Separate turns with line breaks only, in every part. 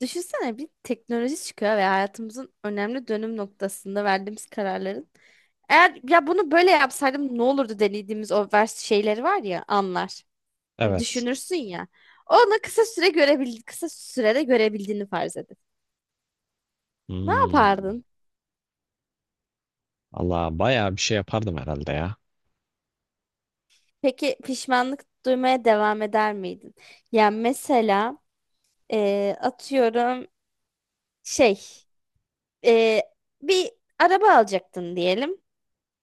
Düşünsene bir teknoloji çıkıyor ve hayatımızın önemli dönüm noktasında verdiğimiz kararların. Eğer ya bunu böyle yapsaydım ne olurdu dediğimiz o vers şeyleri var ya anlar. Hani
Evet.
düşünürsün ya. Onu kısa süre görebil kısa sürede görebildiğini farz edin. Ne
Hmm.
yapardın?
Allah bayağı bir şey yapardım herhalde ya.
Peki pişmanlık duymaya devam eder miydin? Yani mesela atıyorum şey eee, bir araba alacaktın diyelim.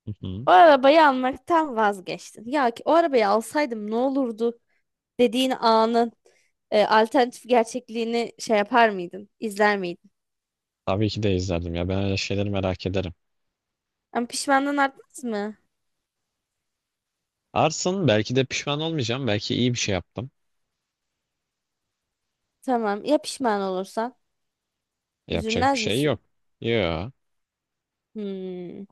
Hı hı.
O arabayı almaktan vazgeçtin. Ya ki o arabayı alsaydım ne olurdu dediğin anın alternatif gerçekliğini şey yapar mıydın? İzler miydin?
Tabii ki de izlerdim ya. Ben öyle şeyleri merak ederim.
Ama pişmanlığın artmaz mı?
Arsın belki de pişman olmayacağım. Belki iyi bir şey yaptım.
Tamam. Ya pişman olursan?
Yapacak bir
Üzülmez
şey yok.
misin?
Yo.
Hmm.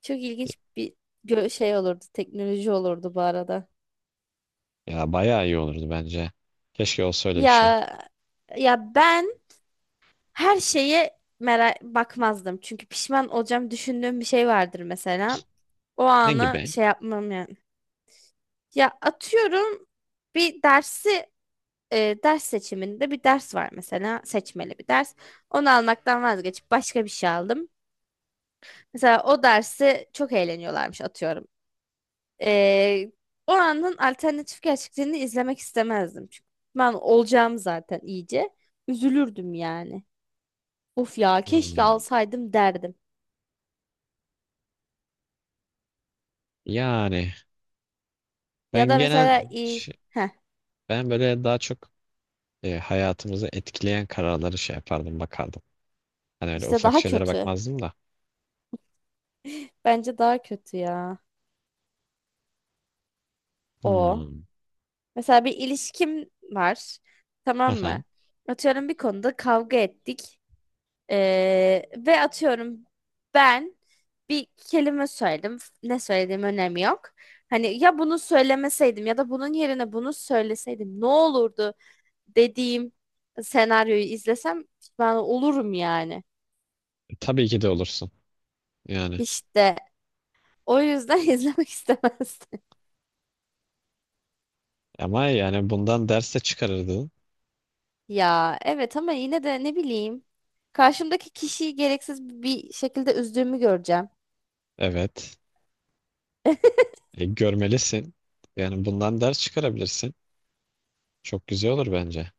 Çok ilginç bir şey olurdu. Teknoloji olurdu bu arada.
Ya bayağı iyi olurdu bence. Keşke olsa öyle bir şey.
Ya ya ben her şeye merak bakmazdım. Çünkü pişman olacağım düşündüğüm bir şey vardır mesela. O
Ne
anı
gibi?
şey yapmam yani. Ya atıyorum bir dersi ders seçiminde bir ders var mesela seçmeli bir ders. Onu almaktan vazgeçip başka bir şey aldım. Mesela o dersi çok eğleniyorlarmış atıyorum. E, O anın alternatif gerçekliğini izlemek istemezdim. Çünkü ben olacağım zaten iyice. Üzülürdüm yani. Of ya keşke
Hmm.
alsaydım derdim.
Yani ben
Ya da
genel
mesela
ş-
iyi.
ben böyle daha çok hayatımızı etkileyen kararları şey yapardım bakardım. Hani öyle
İşte
ufak
daha
şeylere
kötü.
bakmazdım da.
Bence daha kötü ya. O.
Hmm.
Mesela bir ilişkim var. Tamam
Aha.
mı? Atıyorum bir konuda kavga ettik. Ve atıyorum ben bir kelime söyledim. Ne söylediğim önemi yok. Hani ya bunu söylemeseydim ya da bunun yerine bunu söyleseydim ne olurdu dediğim senaryoyu izlesem ben olurum yani.
Tabii ki de olursun. Yani.
İşte o yüzden izlemek istemezdim.
Ama yani bundan ders de çıkarırdın.
Ya evet ama yine de ne bileyim. Karşımdaki kişiyi gereksiz bir şekilde üzdüğümü göreceğim.
Evet. Görmelisin. Yani bundan ders çıkarabilirsin. Çok güzel olur bence.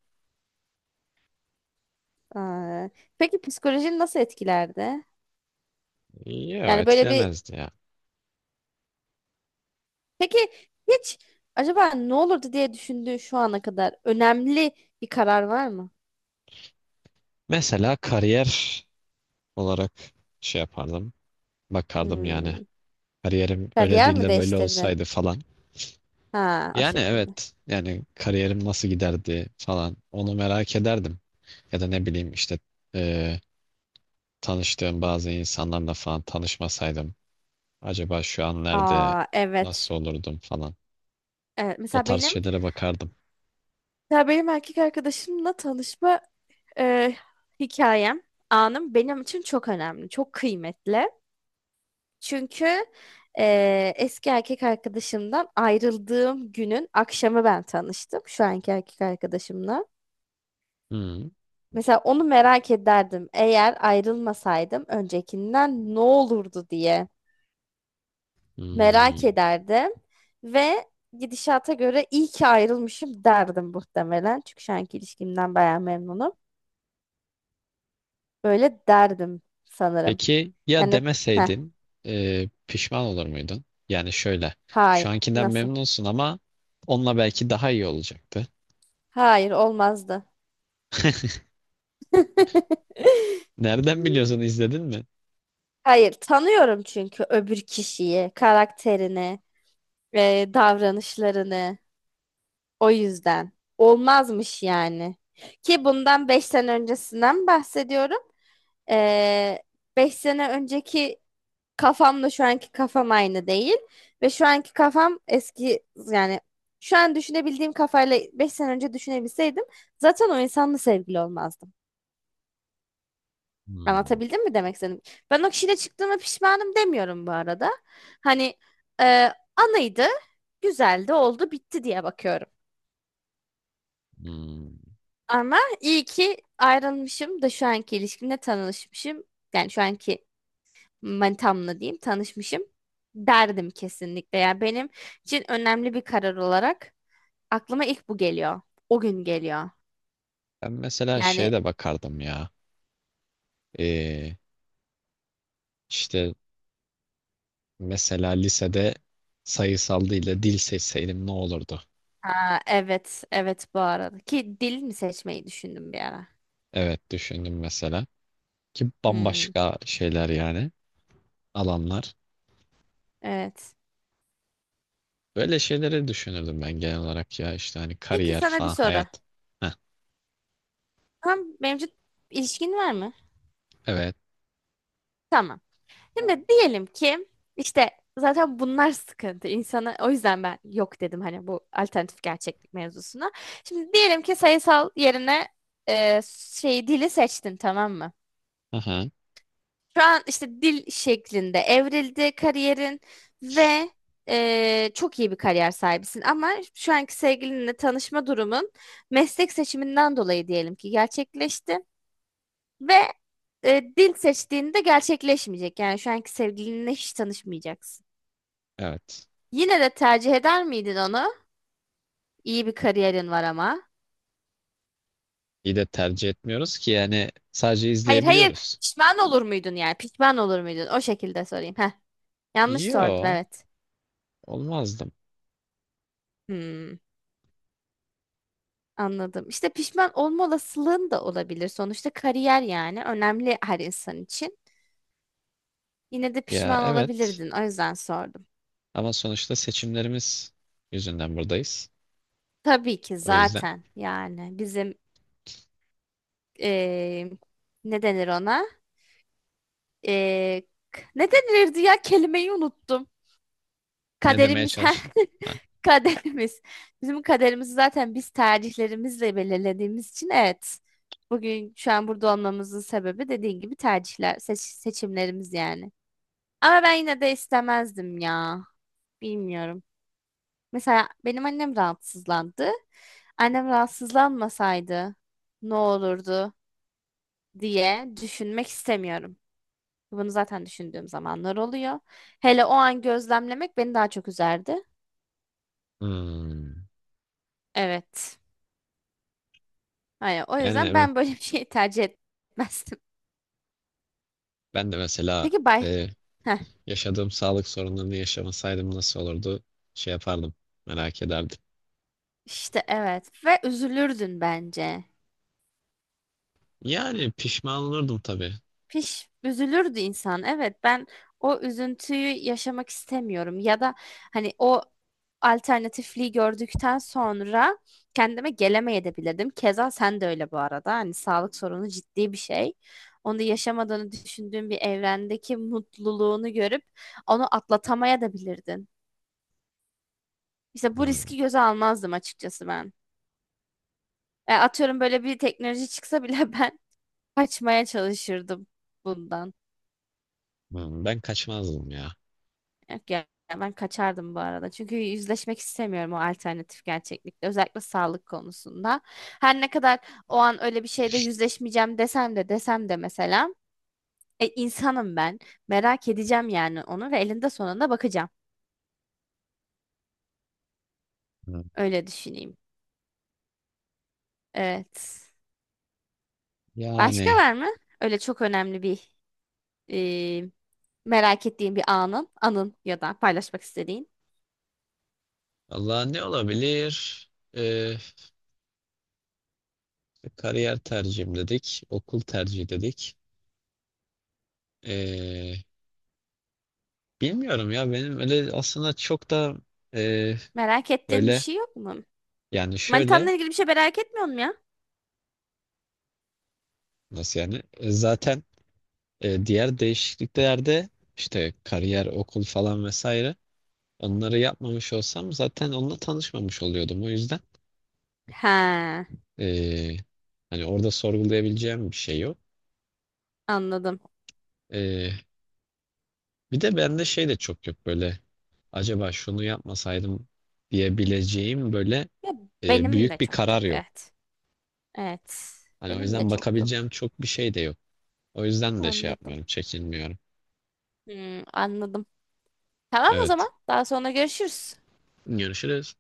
Aa, peki psikolojini nasıl etkilerdi?
Yok
Yani böyle bir
etkilemezdi ya.
peki hiç acaba ne olurdu diye düşündüğün şu ana kadar önemli bir karar var mı?
Mesela kariyer olarak şey yapardım. Bakardım yani.
Hmm.
Kariyerim öyle
Kariyer
değil
mi
de böyle
değiştirdin?
olsaydı falan.
Ha, o
Yani
şekilde.
evet. Yani kariyerim nasıl giderdi falan. Onu merak ederdim. Ya da ne bileyim işte e, tanıştığım bazı insanlarla falan tanışmasaydım. Acaba şu an nerede
Aa, evet.
nasıl olurdum falan.
Evet,
O
mesela
tarz
benim
şeylere bakardım.
mesela benim erkek arkadaşımla tanışma e, hikayem, anım benim için çok önemli, çok kıymetli. Çünkü eski erkek arkadaşımdan ayrıldığım günün akşamı ben tanıştım şu anki erkek arkadaşımla.
Hmm,
Mesela onu merak ederdim. Eğer ayrılmasaydım öncekinden ne olurdu diye merak
hmm.
ederdim ve gidişata göre iyi ki ayrılmışım derdim muhtemelen. Çünkü şu anki ilişkimden bayağı memnunum. Böyle derdim sanırım.
Peki ya
Yani heh,
demeseydin pişman olur muydun? Yani şöyle
hay
şu ankinden
nasıl?
memnunsun ama onunla belki daha iyi olacaktı.
Hayır olmazdı.
Nereden biliyorsun izledin mi?
Hayır, tanıyorum çünkü öbür kişiyi, karakterini, davranışlarını. O yüzden. Olmazmış yani. Ki bundan 5 sene öncesinden bahsediyorum. E, 5 sene önceki kafamla şu anki kafam aynı değil. Ve şu anki kafam eski yani şu an düşünebildiğim kafayla 5 sene önce düşünebilseydim zaten o insanla sevgili olmazdım.
Hmm,
Anlatabildim mi demek istedim? Ben o kişiyle çıktığıma pişmanım demiyorum bu arada. Hani anıydı, güzeldi, oldu, bitti diye bakıyorum.
hmm.
Ama iyi ki ayrılmışım da şu anki ilişkimle tanışmışım. Yani şu anki manitamla diyeyim tanışmışım derdim kesinlikle. Yani benim için önemli bir karar olarak aklıma ilk bu geliyor. O gün geliyor.
Ben mesela şeye
Yani
de bakardım ya. E, işte mesela lisede sayısal değil de dil seçseydim ne olurdu?
aa, evet, evet bu arada. Ki dil mi seçmeyi düşündüm bir ara.
Evet düşündüm mesela. Ki
Hmm,
bambaşka şeyler yani alanlar.
evet.
Böyle şeyleri düşünürdüm ben genel olarak ya işte hani
Peki
kariyer
sana bir
falan
soru.
hayat. Heh,
Tam mevcut ilişkin var mı?
evet.
Tamam. Şimdi diyelim ki işte zaten bunlar sıkıntı. İnsana o yüzden ben yok dedim hani bu alternatif gerçeklik mevzusuna. Şimdi diyelim ki sayısal yerine e, şey dili seçtin tamam mı?
Aha,
Şu an işte dil şeklinde evrildi kariyerin ve çok iyi bir kariyer sahibisin ama şu anki sevgilinle tanışma durumun meslek seçiminden dolayı diyelim ki gerçekleşti. Ve dil seçtiğinde gerçekleşmeyecek. Yani şu anki sevgilinle hiç tanışmayacaksın.
evet.
Yine de tercih eder miydin onu? İyi bir kariyerin var ama.
İyi de tercih etmiyoruz ki yani sadece
Hayır hayır,
izleyebiliyoruz.
pişman olur muydun yani? Pişman olur muydun? O şekilde sorayım. Yanlış sordum
Yo,
evet.
olmazdım.
Hmm, anladım. İşte pişman olma olasılığın da olabilir. Sonuçta kariyer yani önemli her insan için. Yine de
Ya
pişman
evet,
olabilirdin. O yüzden sordum.
ama sonuçta seçimlerimiz yüzünden buradayız.
Tabii ki
O yüzden
zaten yani bizim eee, ne denir ona? Ee, ne denilirdi ya kelimeyi unuttum.
ne demeye
Kaderimiz
çalıştın? Ha.
kaderimiz. Bizim kaderimizi zaten biz tercihlerimizle belirlediğimiz için evet. Bugün şu an burada olmamızın sebebi dediğin gibi tercihler, seçimlerimiz yani. Ama ben yine de istemezdim ya. Bilmiyorum. Mesela benim annem rahatsızlandı. Annem rahatsızlanmasaydı ne olurdu diye düşünmek istemiyorum. Bunu zaten düşündüğüm zamanlar oluyor. Hele o an gözlemlemek beni daha çok üzerdi.
Hmm.
Evet. Hani o
Yani
yüzden
evet,
ben böyle bir şeyi tercih etmezdim.
ben de mesela
Peki bay.
e,
Heh,
yaşadığım sağlık sorunlarını yaşamasaydım nasıl olurdu şey yapardım merak ederdim.
işte evet. Ve üzülürdün bence.
Yani pişman olurdum tabii.
Üzülürdü insan. Evet ben o üzüntüyü yaşamak istemiyorum ya da hani o alternatifliği gördükten sonra kendime gelemeyebilirdim. Keza sen de öyle bu arada. Hani sağlık sorunu ciddi bir şey. Onu da yaşamadığını düşündüğün bir evrendeki mutluluğunu görüp onu atlatamaya da bilirdin. İşte bu
Hmm.
riski göze almazdım açıkçası ben. Atıyorum böyle bir teknoloji çıksa bile ben kaçmaya çalışırdım bundan.
Hmm, ben kaçmazdım ya.
Yok ya ben kaçardım bu arada. Çünkü yüzleşmek istemiyorum o alternatif gerçeklikle. Özellikle sağlık konusunda. Her ne kadar o an öyle bir şeyde yüzleşmeyeceğim desem de mesela. İnsanım ben. Merak edeceğim yani onu ve elinde sonunda bakacağım.
Hmm.
Öyle düşüneyim. Evet. Başka
Yani
var mı? Öyle çok önemli bir e, merak ettiğin anın ya da paylaşmak istediğin.
Allah ne olabilir? Ee, Kariyer tercihim dedik. Okul tercihi dedik. Ee, Bilmiyorum ya, benim öyle aslında çok da e,
Merak ettiğin bir
böyle
şey yok mu?
yani şöyle
Manitanla ilgili bir şey merak etmiyor musun ya?
nasıl yani. Zaten diğer değişikliklerde işte kariyer, okul falan vesaire onları yapmamış olsam zaten onunla tanışmamış oluyordum. O yüzden
He,
e, hani orada sorgulayabileceğim bir şey yok.
anladım.
E, Bir de bende şey de çok yok böyle. Acaba şunu yapmasaydım diyebileceğim böyle
Ya benim de
büyük bir
çok
karar
yok
yok.
evet. Evet.
Hani o
Benim de
yüzden
çok
bakabileceğim
yok.
çok bir şey de yok. O yüzden de şey
Anladım.
yapmıyorum, çekinmiyorum.
Hmm, anladım. Tamam o
Evet.
zaman. Daha sonra görüşürüz.
Görüşürüz.